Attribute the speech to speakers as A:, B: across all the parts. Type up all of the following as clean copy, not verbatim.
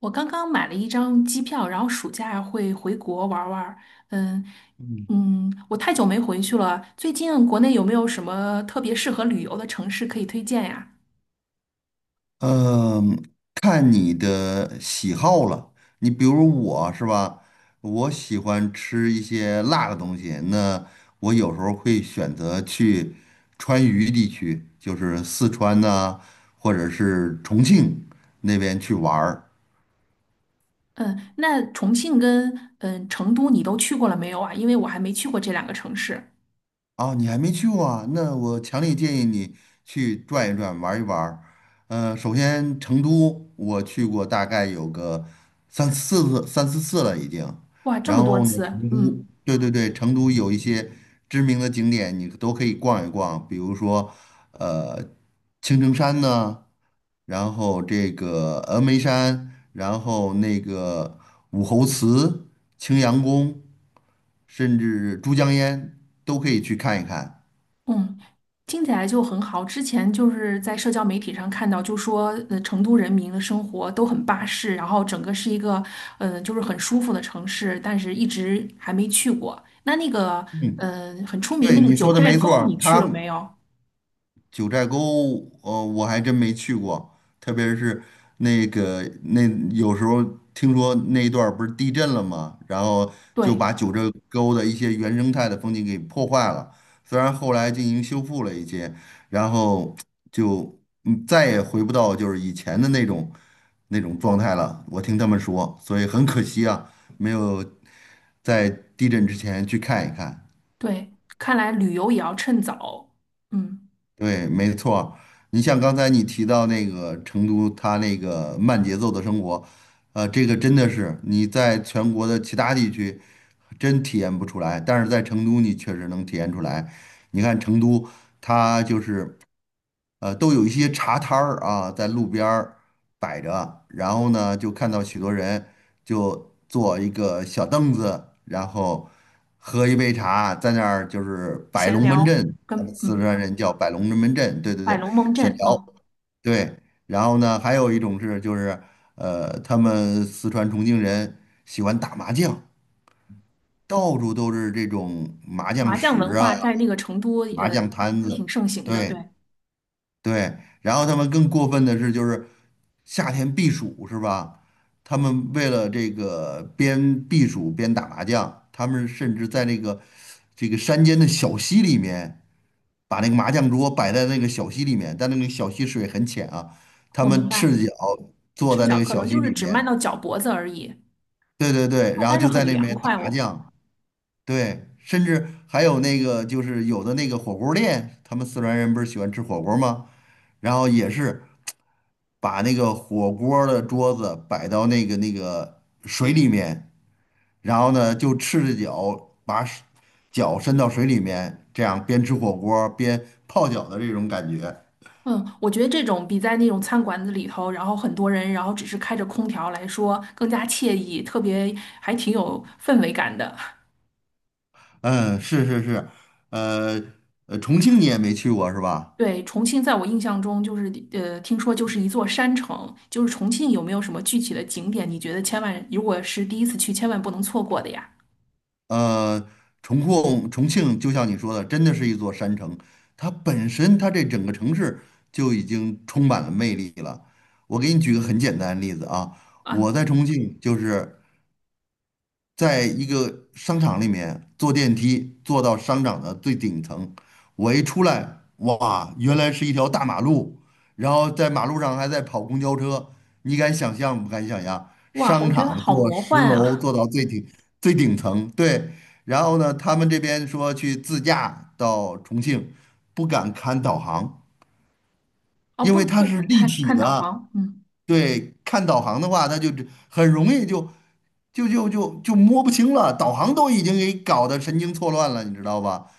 A: 我刚刚买了一张机票，然后暑假会回国玩儿玩儿。嗯。
B: 嗯
A: 嗯，我太久没回去了。最近国内有没有什么特别适合旅游的城市可以推荐呀？
B: 嗯，看你的喜好了。你比如我是吧，我喜欢吃一些辣的东西，那我有时候会选择去川渝地区，就是四川呐、或者是重庆那边去玩儿。
A: 嗯，那重庆跟成都你都去过了没有啊？因为我还没去过这两个城市。
B: 哦，你还没去过啊？那我强烈建议你去转一转，玩一玩儿。首先成都我去过，大概有个三四次了已经。
A: 哇，这
B: 然
A: 么多
B: 后呢，
A: 次，
B: 成都，
A: 嗯。
B: 对对对，成都有一些知名的景点，你都可以逛一逛，比如说呃青城山呢，然后这个峨眉山，然后那个武侯祠、青羊宫，甚至珠江烟都可以去看一看。
A: 嗯，听起来就很好。之前就是在社交媒体上看到，就说成都人民的生活都很巴适，然后整个是一个就是很舒服的城市，但是一直还没去过。那个很出名
B: 对，
A: 那个
B: 你
A: 九
B: 说的
A: 寨
B: 没错
A: 沟，你
B: 儿，
A: 去了没有？
B: 九寨沟，我还真没去过，特别是那个那有时候听说那一段儿不是地震了吗？然后就
A: 对
B: 把九寨沟的一些原生态的风景给破坏了，虽然后来进行修复了一些，然后就再也回不到就是以前的那种状态了。我听他们说，所以很可惜啊，没有在地震之前去看一看。
A: 对，看来旅游也要趁早。嗯，
B: 对，没错儿。你像刚才你提到那个成都，它那个慢节奏的生活，这个真的是你在全国的其他地区真体验不出来，但是在成都你确实能体验出来。你看成都，它就是。都有一些茶摊儿啊，在路边儿摆着，然后呢，就看到许多人就坐一个小凳子，然后喝一杯茶，在那儿就是摆
A: 闲
B: 龙门
A: 聊
B: 阵，我们
A: 跟
B: 四川人叫摆龙门阵，对对
A: 摆
B: 对，
A: 龙门
B: 闲
A: 阵
B: 聊，
A: 哦，
B: 对，然后呢，还有一种是就是他们四川重庆人喜欢打麻将，到处都是这种麻将
A: 麻将
B: 石
A: 文
B: 啊，
A: 化在那个成都
B: 麻将摊
A: 挺
B: 子，
A: 盛行的。
B: 对。
A: 对，
B: 对，然后他们更过分的是，就是夏天避暑是吧？他们为了这个边避暑边打麻将，他们甚至在那个山间的小溪里面，把那个麻将桌摆在那个小溪里面，但那个小溪水很浅啊，他
A: 我明
B: 们
A: 白，
B: 赤脚坐
A: 赤
B: 在那
A: 脚
B: 个
A: 可
B: 小
A: 能
B: 溪
A: 就是
B: 里
A: 只迈
B: 面，
A: 到脚脖子而已。
B: 对对对，
A: 啊，
B: 然后
A: 但是
B: 就在
A: 很
B: 那
A: 凉
B: 边打
A: 快
B: 麻
A: 哦。
B: 将，对，甚至还有那个就是有的那个火锅店，他们四川人不是喜欢吃火锅吗？然后也是。把那个火锅儿的桌子摆到那个水里面，然后呢就赤着脚把手脚伸到水里面，这样边吃火锅儿边泡脚的这种感觉。
A: 嗯，我觉得这种比在那种餐馆子里头，然后很多人，然后只是开着空调来说更加惬意，特别还挺有氛围感的。
B: 嗯，是是是，呃重庆你也没去过是吧？
A: 对，重庆在我印象中就是听说就是一座山城，就是重庆有没有什么具体的景点，你觉得千万如果是第一次去，千万不能错过的呀？
B: 呃，重庆就像你说的，真的是一座山城，它本身这整个城市就已经充满了魅力了。我给你举个很简单的例子啊，
A: 啊，
B: 我在重庆就是在一个商场里面坐电梯坐到商场的最顶层，我一出来，哇，原来是一条大马路，然后在马路上还在跑公交车，你敢想象不敢想象？
A: 哇，我
B: 商
A: 觉得
B: 场
A: 好
B: 坐
A: 魔
B: 十
A: 幻
B: 楼
A: 啊！
B: 坐到最顶层，对，然后呢，他们这边说去自驾到重庆，不敢看导航，
A: 哦，
B: 因
A: 不
B: 为它
A: 不
B: 是
A: 敢
B: 立
A: 看
B: 体
A: 看导
B: 的。
A: 航，嗯，
B: 对，看导航的话，他就很容易就摸不清了，导航都已经给搞得神经错乱了，你知道吧？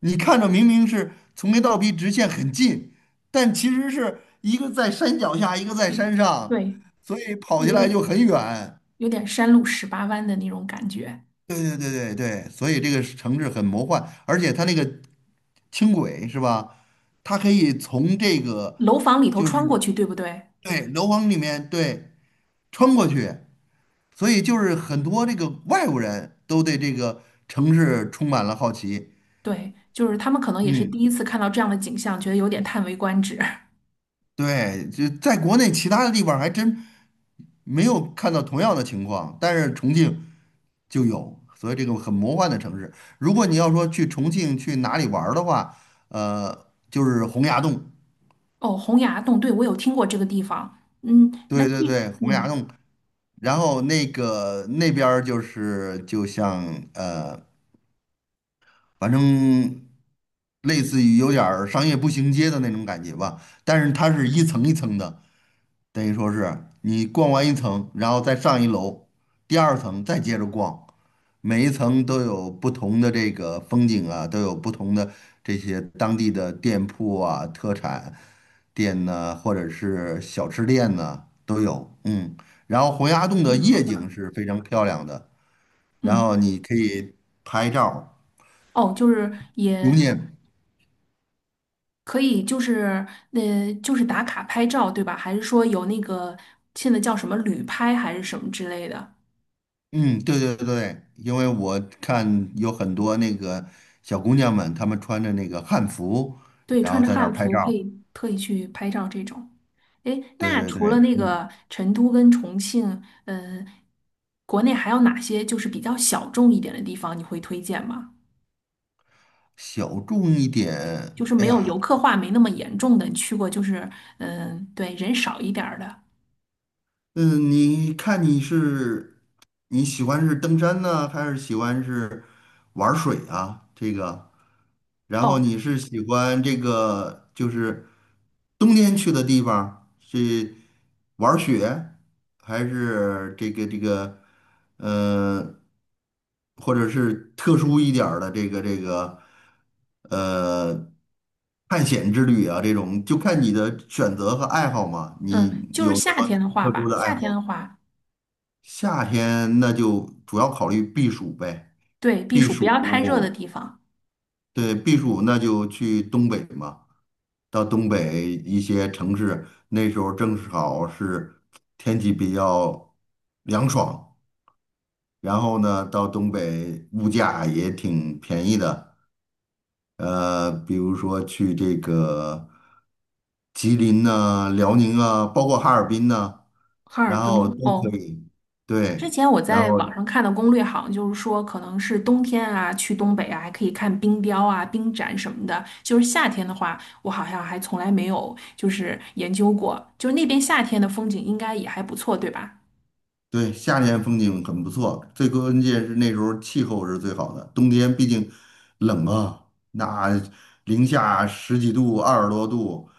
B: 你看着明明是从 A 到 B 直线很近，但其实是一个在山脚下，一个在
A: 有
B: 山上，
A: 对，
B: 所以跑起
A: 有
B: 来就
A: 点
B: 很远。
A: 有点山路十八弯的那种感觉。
B: 对对对对对，所以这个是城市很魔幻，而且它那个轻轨是吧？它可以从这个，
A: 楼房里头
B: 就是，
A: 穿过去，对不对？
B: 对，楼房里面，对，穿过去。所以就是很多这个外国人都对这个城市充满了好奇。
A: 对，就是他们可能也是第
B: 嗯，
A: 一次看到这样的景象，觉得有点叹为观止。
B: 对，就在国内其他的地方还真没有看到同样的情况，但是重庆就有，所以这个很魔幻的城市。如果你要说去重庆去哪里玩儿的话，就是洪崖洞，
A: 哦，洪崖洞，对，我有听过这个地方。嗯，那
B: 对
A: 这，
B: 对对，洪崖
A: 嗯，
B: 洞。然后那个那边儿就是就像呃反正类似于有点儿商业步行街的那种感觉吧，但是它是一层一层的，等于说是你逛完一层，然后再上一楼，第二层再接着逛，每一层都有不同的这个风景啊，都有不同的这些当地的店铺啊、特产店呢，或者是小吃店呢都有，嗯，然后洪崖洞的
A: 挺好
B: 夜景
A: 的。
B: 是非常漂亮的，然
A: 嗯，
B: 后你可以拍照
A: 哦，就是
B: 留
A: 也
B: 念。
A: 可以，就是就是打卡拍照，对吧？还是说有那个现在叫什么旅拍还是什么之类的？
B: 嗯，对对对，因为我看有很多那个小姑娘们，她们穿着那个汉服，
A: 对，
B: 然
A: 穿
B: 后
A: 着
B: 在那儿
A: 汉
B: 拍
A: 服可
B: 照。
A: 以特意去拍照这种。诶，
B: 对
A: 那
B: 对
A: 除了
B: 对，
A: 那
B: 嗯，
A: 个成都跟重庆，国内还有哪些就是比较小众一点的地方你会推荐吗？
B: 小众一点，
A: 就是
B: 哎
A: 没有游
B: 呀，
A: 客化没那么严重的，你去过就是对，人少一点儿的。
B: 嗯，你看你喜欢是登山呢，还是喜欢是玩儿水啊？这个，然后
A: 哦，
B: 你是喜欢这个就是冬天去的地方是玩儿雪，还是这个呃，或者是特殊一点儿的这个呃探险之旅啊？这种就看你的选择和爱好嘛。
A: 嗯，
B: 你
A: 就
B: 有
A: 是
B: 什
A: 夏
B: 么？
A: 天的话
B: 特殊
A: 吧，
B: 的爱
A: 夏
B: 好，
A: 天的话，
B: 夏天那就主要考虑避暑呗。
A: 对，避
B: 避
A: 暑不
B: 暑，
A: 要太热的地方，
B: 对，避暑那就去东北嘛，到东北一些城市，那时候正好是天气比较凉爽，然后呢，到东北物价也挺便宜的，比如说去这个吉林呐、辽宁啊，包括哈尔滨呐、
A: 哈尔
B: 然后都
A: 滨。
B: 可
A: 哦。
B: 以，
A: 之
B: 对，
A: 前我
B: 然
A: 在
B: 后。
A: 网上看的攻略，好像就是说，可能是冬天啊，去东北啊，还可以看冰雕啊、冰展什么的。就是夏天的话，我好像还从来没有就是研究过，就是那边夏天的风景应该也还不错，对吧？
B: 对，夏天风景很不错，最关键是那时候气候是最好的。冬天毕竟冷啊，那零下十几度、二十多度，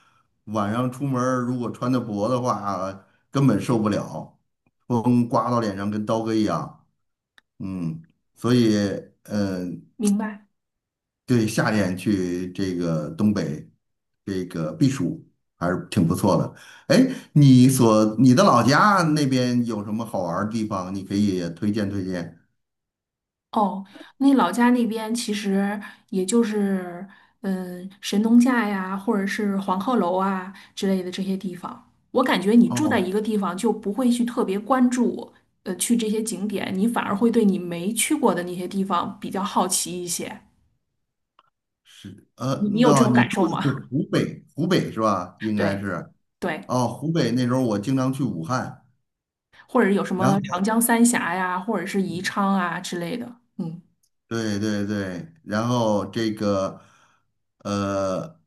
B: 晚上出门儿如果穿的薄的话，根本受不了，风刮到脸上跟刀割一样。嗯，所以，嗯、
A: 明白。
B: 对，夏天去这个东北这个避暑还是挺不错的。哎，你的老家那边有什么好玩儿的地方？你可以也推荐推荐。
A: 哦，那老家那边其实也就是，嗯，神农架呀，或者是黄鹤楼啊之类的这些地方。我感觉你住在一
B: 哦，
A: 个地方，就不会去特别关注，去这些景点，你反而会对你没去过的那些地方比较好奇一些。
B: 是，
A: 你你有这
B: 那
A: 种
B: 你
A: 感受
B: 住的是
A: 吗？
B: 湖北，湖北是吧？应该
A: 对
B: 是。
A: 对，
B: 哦，湖北那时候我经常去武汉，
A: 或者有什
B: 然
A: 么
B: 后
A: 长江三峡呀，或者是宜昌啊之类的。嗯，
B: 对对对，然后这个，呃，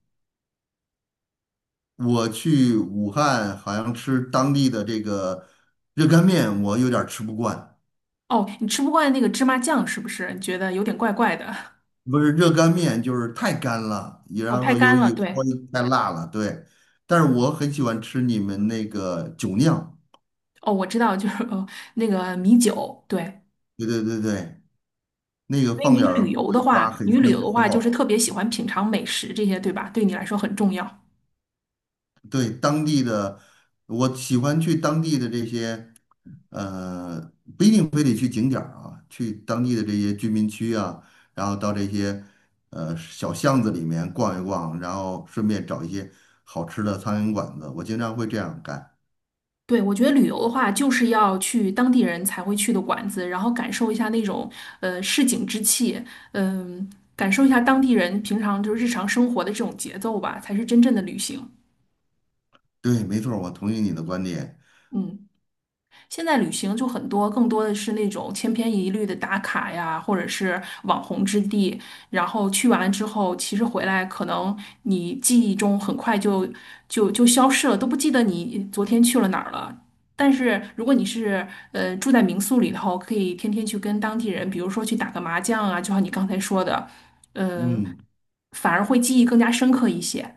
B: 我去武汉好像吃当地的这个热干面，我有点儿吃不惯。
A: 哦，你吃不惯那个芝麻酱是不是？你觉得有点怪怪的？
B: 不是热干面，就是太干了，也
A: 哦，
B: 然
A: 太
B: 后
A: 干了，
B: 有时候
A: 对。
B: 太辣了，对。但是我很喜欢吃你们那个酒酿，
A: 哦，我知道，就是那个米酒，对。
B: 对对对对，那个
A: 所以
B: 放点儿桂花，很
A: 你旅
B: 香，
A: 游的
B: 很
A: 话就
B: 好
A: 是
B: 吃。
A: 特别喜欢品尝美食这些，对吧？对你来说很重要。
B: 对，当地的，我喜欢去当地的这些，不一定非得去景点儿啊，去当地的这些居民区啊，然后到这些小巷子里面逛一逛，然后顺便找一些好吃的苍蝇馆子，我经常会这样干。
A: 对，我觉得旅游的话，就是要去当地人才会去的馆子，然后感受一下那种市井之气，感受一下当地人平常就是日常生活的这种节奏吧，才是真正的旅行。
B: 对，没错儿，我同意你的观点。
A: 嗯。现在旅行就很多，更多的是那种千篇一律的打卡呀，或者是网红之地。然后去完之后，其实回来可能你记忆中很快就消失了，都不记得你昨天去了哪儿了。但是如果你是住在民宿里头，可以天天去跟当地人，比如说去打个麻将啊，就像你刚才说的，呃，
B: 嗯，
A: 反而会记忆更加深刻一些。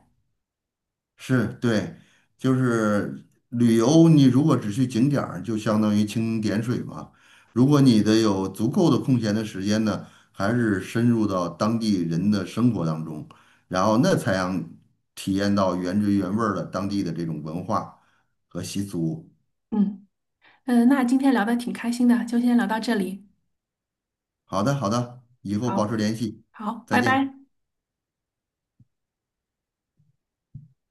B: 是对，就是旅游，你如果只去景点儿，就相当于蜻蜓点水嘛。如果你的有足够的空闲的时间呢，还是深入到当地人的生活当中，然后那才让体验到原汁原味儿的当地的这种文化和习俗。
A: 嗯嗯，那今天聊的挺开心的，就先聊到这里。
B: 好的，好的，以后保
A: 好，
B: 持联系，
A: 好，
B: 再
A: 拜
B: 见。
A: 拜。